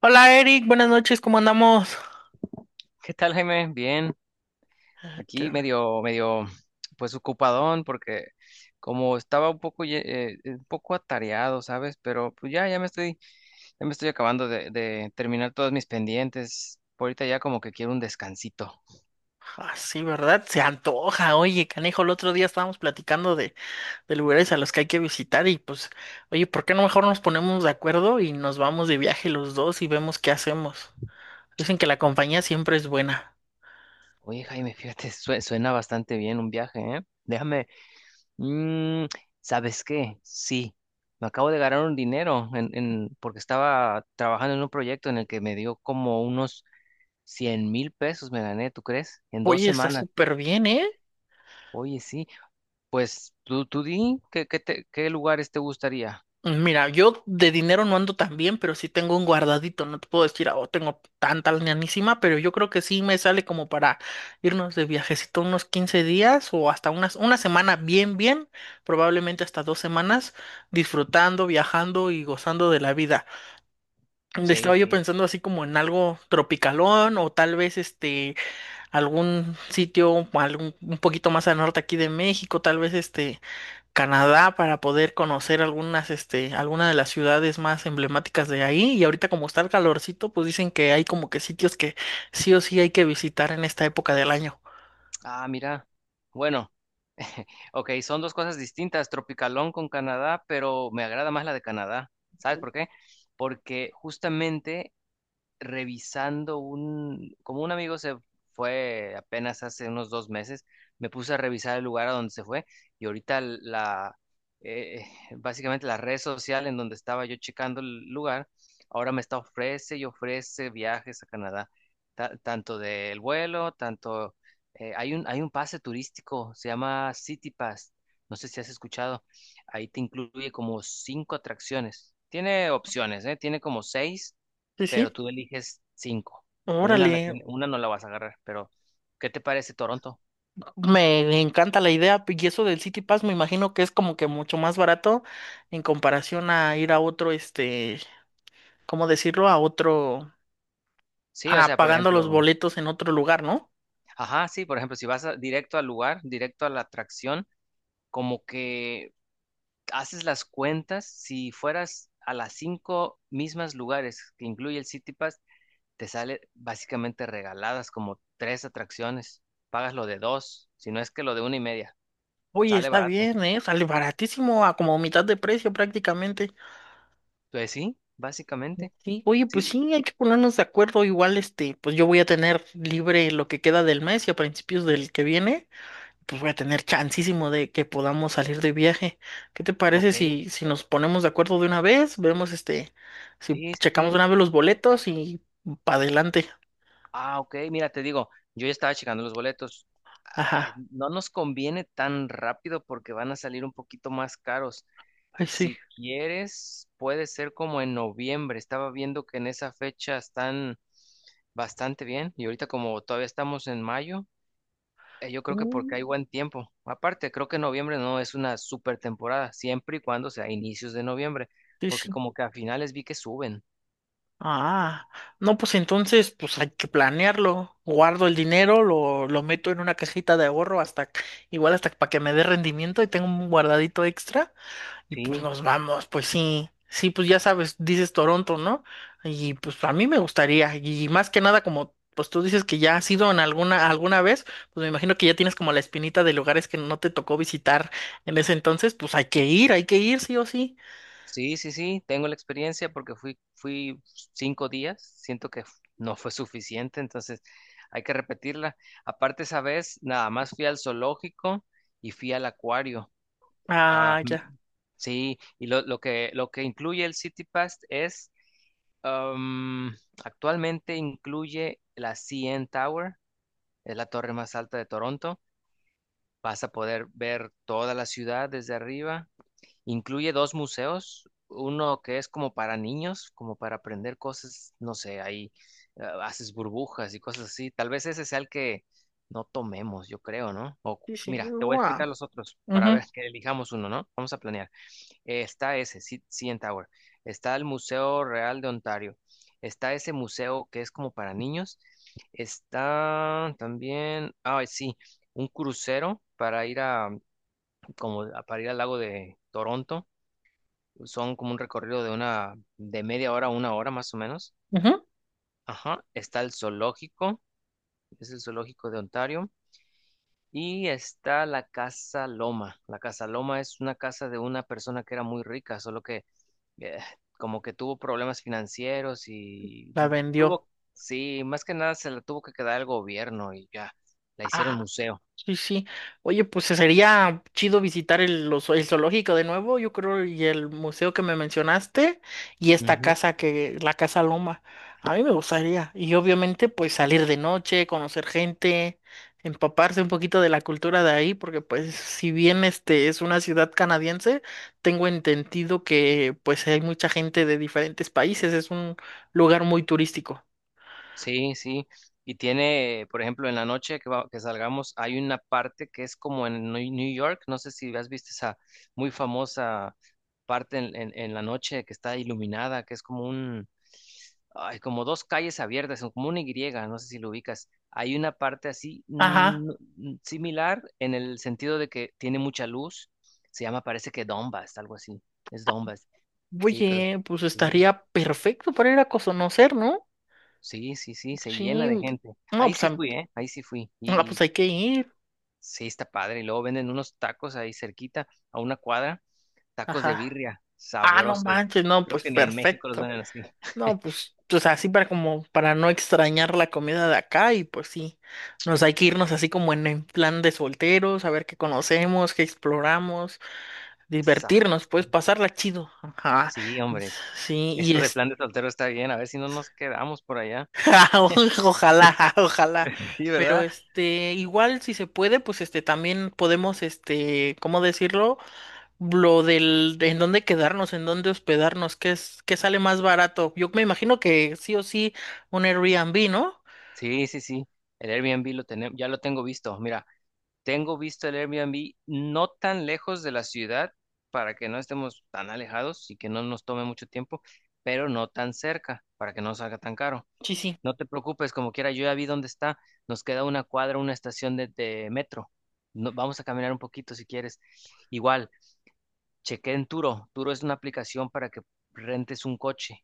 Hola Eric, buenas noches, ¿cómo andamos? ¿Qué tal, Jaime? Bien, aquí Qué- medio, medio, pues ocupadón, porque como estaba un poco, un poco atareado, ¿sabes? Pero pues ya, ya me estoy acabando de terminar todos mis pendientes. Por ahorita ya como que quiero un descansito. Ah, sí, ¿verdad? Se antoja. Oye, canejo, el otro día estábamos platicando de lugares a los que hay que visitar y pues, oye, ¿por qué no mejor nos ponemos de acuerdo y nos vamos de viaje los dos y vemos qué hacemos? Dicen que la compañía siempre es buena. Oye, Jaime, fíjate, suena bastante bien un viaje, ¿eh? Déjame, mm, ¿sabes qué? Sí, me acabo de ganar un dinero porque estaba trabajando en un proyecto en el que me dio como unos. Cien mil pesos me gané, ¿tú crees? En dos Oye, está semanas. súper bien, ¿eh? Oye, sí. Pues tú di, ¿qué lugares te gustaría? Mira, yo de dinero no ando tan bien, pero sí tengo un guardadito. No te puedo decir, oh, tengo tanta lanísima, pero yo creo que sí me sale como para irnos de viajecito unos 15 días o hasta una semana bien, bien, probablemente hasta 2 semanas, disfrutando, viajando y gozando de la vida. Sí, Estaba yo sí. pensando así como en algo tropicalón o tal vez este algún sitio, algún un poquito más al norte aquí de México, tal vez este. Canadá para poder conocer algunas, este, algunas de las ciudades más emblemáticas de ahí. Y ahorita como está el calorcito, pues dicen que hay como que sitios que sí o sí hay que visitar en esta época del año. Ah, mira. Bueno, ok, son dos cosas distintas. Tropicalón con Canadá, pero me agrada más la de Canadá. ¿Sabes por qué? Porque justamente revisando un, como un amigo se fue apenas hace unos dos meses, me puse a revisar el lugar a donde se fue y ahorita la, eh, básicamente la red social en donde estaba yo checando el lugar, ahora me está ofrece y ofrece viajes a Canadá, tanto del vuelo, tanto, hay un pase turístico, se llama City Pass, no sé si has escuchado, ahí te incluye como cinco atracciones. Tiene opciones, ¿eh? Tiene como seis, Sí, pero sí. tú eliges cinco. Una, Órale, una no la vas a agarrar, pero ¿qué te parece Toronto? me encanta la idea y eso del City Pass me imagino que es como que mucho más barato en comparación a ir a otro, este, ¿cómo decirlo? A otro, Sí, o a sea, por pagando los ejemplo, boletos en otro lugar, ¿no? ajá, sí, por ejemplo, si vas a- directo al lugar, directo a la atracción, como que haces las cuentas, si fueras a las cinco mismas lugares que incluye el City Pass, te sale básicamente regaladas como tres atracciones, pagas lo de dos, si no es que lo de una y media, Oye, sale está barato. bien, ¿eh? Sale baratísimo, a como mitad de precio prácticamente. Pues sí, básicamente, Sí, oye, pues sí, sí, hay que ponernos de acuerdo. Igual, este, pues yo voy a tener libre lo que queda del mes y a principios del que viene, pues voy a tener chancísimo de que podamos salir de viaje. ¿Qué te parece ok, si nos ponemos de acuerdo de una vez? Vemos, este, si sí, sí, checamos de sí. una vez los boletos y para adelante. Ah, ok, mira, te digo, yo ya estaba checando los boletos. Ay, Ajá, no nos conviene tan rápido porque van a salir un poquito más caros. ay, sí. Si quieres, puede ser como en noviembre. Estaba viendo que en esa fecha están bastante bien y ahorita como todavía estamos en mayo, yo creo que porque Mm. hay buen tiempo. Aparte, creo que noviembre no es una super temporada, siempre y cuando sea inicios de noviembre, Sí, porque sí. como que a finales vi que suben. Ah, no, pues entonces, pues hay que planearlo. Guardo el dinero, lo meto en una cajita de ahorro igual hasta para que me dé rendimiento y tengo un guardadito extra y pues Sí, nos vamos, pues sí, sí, pues ya sabes, dices Toronto, ¿no? Y pues a mí me gustaría y más que nada como, pues tú dices que ya has ido en alguna vez, pues me imagino que ya tienes como la espinita de lugares que no te tocó visitar en ese entonces, pues hay que ir sí o sí. sí, sí, sí, tengo la experiencia porque fui cinco días, siento que no fue suficiente, entonces hay que repetirla. Aparte, esa vez nada más fui al zoológico y fui al acuario. Ah, Ah, mm, ya. sí, lo que incluye el City Pass es, am, actualmente incluye la CN Tower, es la torre más alta de Toronto. Vas a poder ver toda la ciudad desde arriba. Incluye dos museos, uno que es como para niños, como para aprender cosas, no sé, ahí haces burbujas y cosas así. Tal vez ese sea el que no tomemos, yo creo, ¿no? O Sí, sí. mira, te voy a Wow. explicar los otros para ver que elijamos uno, ¿no? Vamos a planear. Está ese, CN Tower. Está el Museo Real de Ontario. Está ese museo que es como para niños. Está también, ah, sí, un crucero para ir a, para ir al lago de Toronto. Son como un recorrido de una, de media hora a una hora más o menos. Ajá. Está el zoológico, es el zoológico de Ontario. Y está la Casa Loma. La Casa Loma es una casa de una persona que era muy rica, solo que eh, como que tuvo problemas financieros y La vendió. tuvo, sí, más que nada se la tuvo que quedar el gobierno y ya, la hicieron Ah, museo. sí, sí. Oye, pues sería chido visitar el zoológico de nuevo, yo creo, y el museo que me mencionaste, y esta Ujú. casa la Casa Loma. A mí me gustaría. Y obviamente, pues salir de noche, conocer gente, empaparse un poquito de la cultura de ahí, porque pues si bien este es una ciudad canadiense, tengo entendido que pues hay mucha gente de diferentes países, es un lugar muy turístico. Sí, sí. Y tiene, por ejemplo, en la noche que salgamos, hay una parte que es como en New York. No sé si has visto esa muy famosa parte en la noche que está iluminada, que es como un, ay, como dos calles abiertas, son como una Y, no sé si lo ubicas. Hay una parte así Ajá. Similar en el sentido de que tiene mucha luz. Se llama, parece que Donbass, algo así. Es Donbass. Sí, pero Oye, pues sí, estaría perfecto para ir a conocer, ¿no? sí, sí, sí, se Sí, llena de gente. no, Ahí pues, sí fui, ¿eh? Ahí sí fui. no, Y, pues y hay que ir. sí, está padre. Y luego venden unos tacos ahí cerquita, a una cuadra, tacos de Ajá. birria, Ah, no sabrosos. manches, no, Creo pues que ni en México los perfecto. venden así. No, pues, o sea, así para como, para no extrañar la comida de acá y pues sí, nos hay que irnos así como en plan de solteros, a ver qué conocemos, qué exploramos, Sa- divertirnos, pues pasarla chido. Ajá. Sí, Y- hombre, Sí, y esto de este. plan de soltero está bien, a ver si no nos quedamos por allá. Ojalá, ojalá. Sí, Pero ¿verdad? este, igual si se puede, pues este, también podemos, este, ¿cómo decirlo? De en dónde quedarnos, en dónde hospedarnos, qué es, qué sale más barato. Yo me imagino que sí o sí un Airbnb, ¿no? Sí, sí, sí. El Airbnb lo tenemos, ya lo tengo visto. Mira, tengo visto el Airbnb no tan lejos de la ciudad para que no estemos tan alejados y que no nos tome mucho tiempo, pero no tan cerca para que no salga tan caro. Sí, sí. No te preocupes, como quiera, yo ya vi dónde está. Nos queda una cuadra, una estación de metro. Vamos a caminar un poquito si quieres. Igual, chequé en Turo. Turo es una aplicación para que rentes un coche.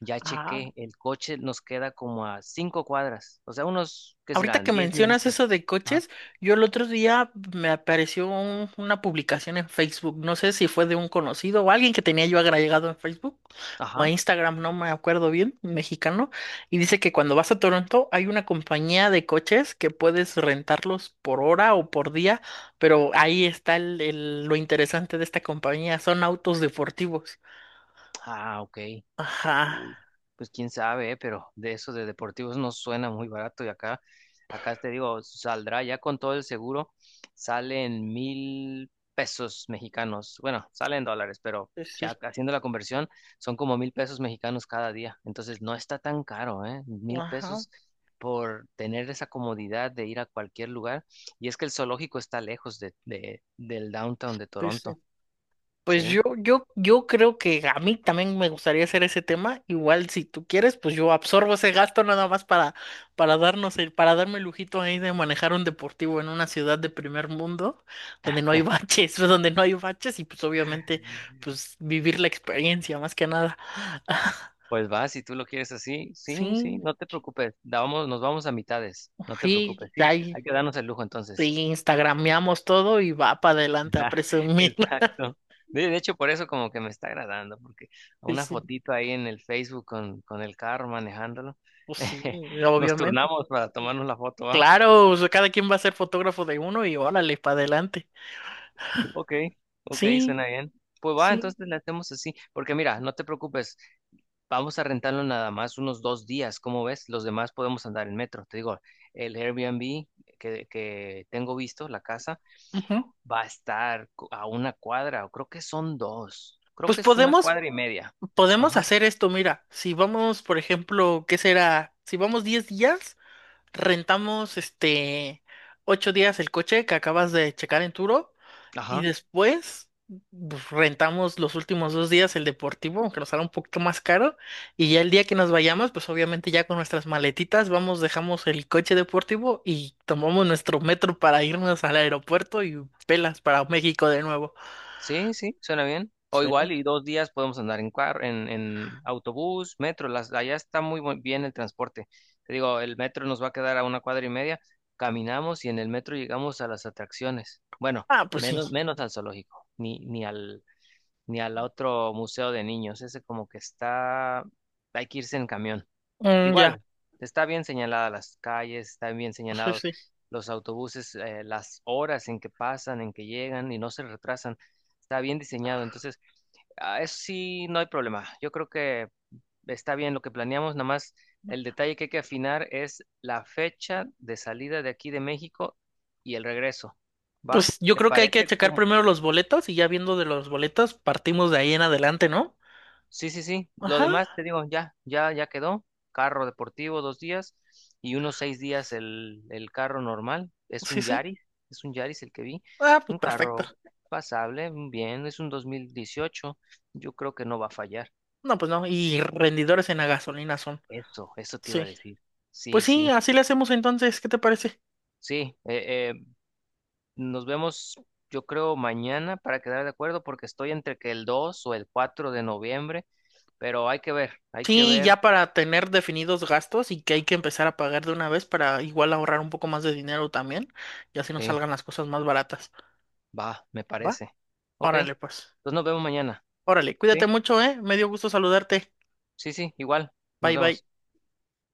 Ya Ah, chequé, el coche nos queda como a cinco cuadras, o sea, unos, ¿qué ahorita serán? que Diez mencionas eso minutos. de Ajá. coches, yo el otro día me apareció una publicación en Facebook, no sé si fue de un conocido o alguien que tenía yo agregado en Facebook o Ajá. en Instagram, no me acuerdo bien, mexicano, y dice que cuando vas a Toronto hay una compañía de coches que puedes rentarlos por hora o por día, pero ahí está lo interesante de esta compañía, son autos deportivos. Ah, ok. Ajá, Uy, pues quién sabe, pero de eso de deportivos no suena muy barato y acá, acá te digo, saldrá ya con todo el seguro, salen mil pesos mexicanos, bueno, salen dólares, pero sí, sí, ya haciendo la conversión son como mil pesos mexicanos cada día, entonces no está tan caro, ¿eh? Mil ajá, pesos por tener esa comodidad de ir a cualquier lugar y es que el zoológico está lejos del downtown de sí, sí. Toronto, Pues ¿sí? yo creo que a mí también me gustaría hacer ese tema. Igual si tú quieres, pues yo absorbo ese gasto nada más para, para darme el lujito ahí de manejar un deportivo en una ciudad de primer mundo, donde no hay baches, donde no hay baches, y pues obviamente, pues vivir la experiencia más que nada. Pues va, si tú lo quieres así, sí, sí, Sí, no te preocupes. Nos vamos a mitades, no te sí, preocupes, sí, ahí hay que darnos el lujo entonces. sí, instagrameamos todo y va para La- adelante a presumir. exacto. De hecho, por eso como que me está agradando, porque Sí, una sí, fotito ahí en el Facebook con el carro manejándolo, pues sí, nos obviamente. turnamos para tomarnos la foto, ¿va? Claro, o sea, cada quien va a ser fotógrafo de uno y órale, para adelante. Ok, ok, Sí, suena bien. Pues va, sí, entonces le hacemos así, porque mira, no te preocupes, vamos a rentarlo nada más unos dos días, ¿cómo ves? Los demás podemos andar en metro. Te digo, el Airbnb que tengo visto, la casa, ujú. va a estar a una cuadra, o creo que son dos, creo Pues que es una podemos, cuadra y media. podemos Ajá, hacer esto, mira, si vamos, por ejemplo, ¿qué será? Si vamos 10 días, rentamos este 8 días el coche que acabas de checar en Turo. Y ajá. después pues, rentamos los últimos 2 días el deportivo, aunque nos sale un poquito más caro. Y ya el día que nos vayamos, pues obviamente ya con nuestras maletitas vamos, dejamos el coche deportivo y tomamos nuestro metro para irnos al aeropuerto y pelas para México de nuevo. Sí, sí, suena bien. O Sí. igual, y dos días podemos andar en carro, en autobús, metro. Las, allá está muy bien el transporte. Te digo, el metro nos va a quedar a una cuadra y media. Caminamos y en el metro llegamos a las atracciones. Bueno, Ah, pues sí. Menos al zoológico, ni al, ni al otro museo de niños. Ese como que está, hay que irse en camión. Mm, ya. Igual, está bien señalada las calles, están bien Sí, señalados sí. los autobuses, las horas en que pasan, en que llegan y no se retrasan. Está bien diseñado. Entonces, ah, eso sí, no hay problema. Yo creo que está bien lo que planeamos. Nada más el detalle que hay que afinar es la fecha de salida de aquí de México y el regreso. ¿Va? Pues yo ¿Te creo que hay que parece checar como, primero los boletos y ya viendo de los boletos partimos de ahí en adelante, ¿no? sí, sí, sí? Lo Ajá. demás te digo, ya, ya, ya quedó. Carro deportivo dos días y unos seis días el carro normal. Sí, sí. Es un Yaris el que vi. Ah, pues Un perfecto. carro pasable, bien, es un 2018. Yo creo que no va a fallar. No, pues no. Y rendidores en la gasolina son. Eso te iba a Sí. decir. Pues Sí, sí, sí, así le hacemos entonces, ¿qué te parece? sí. Nos vemos, yo creo, mañana para quedar de acuerdo porque estoy entre que el 2 o el 4 de noviembre, pero hay que ver, hay que Sí, ver. ya para tener definidos gastos y que hay que empezar a pagar de una vez para igual ahorrar un poco más de dinero también, y así nos Sí. salgan las cosas más baratas. Va, me ¿Va? parece. Ok. Órale, pues. Entonces nos vemos mañana. Órale, cuídate ¿Sí? mucho, ¿eh? Me dio gusto saludarte. Sí, sí, igual. Nos Bye, bye. vemos.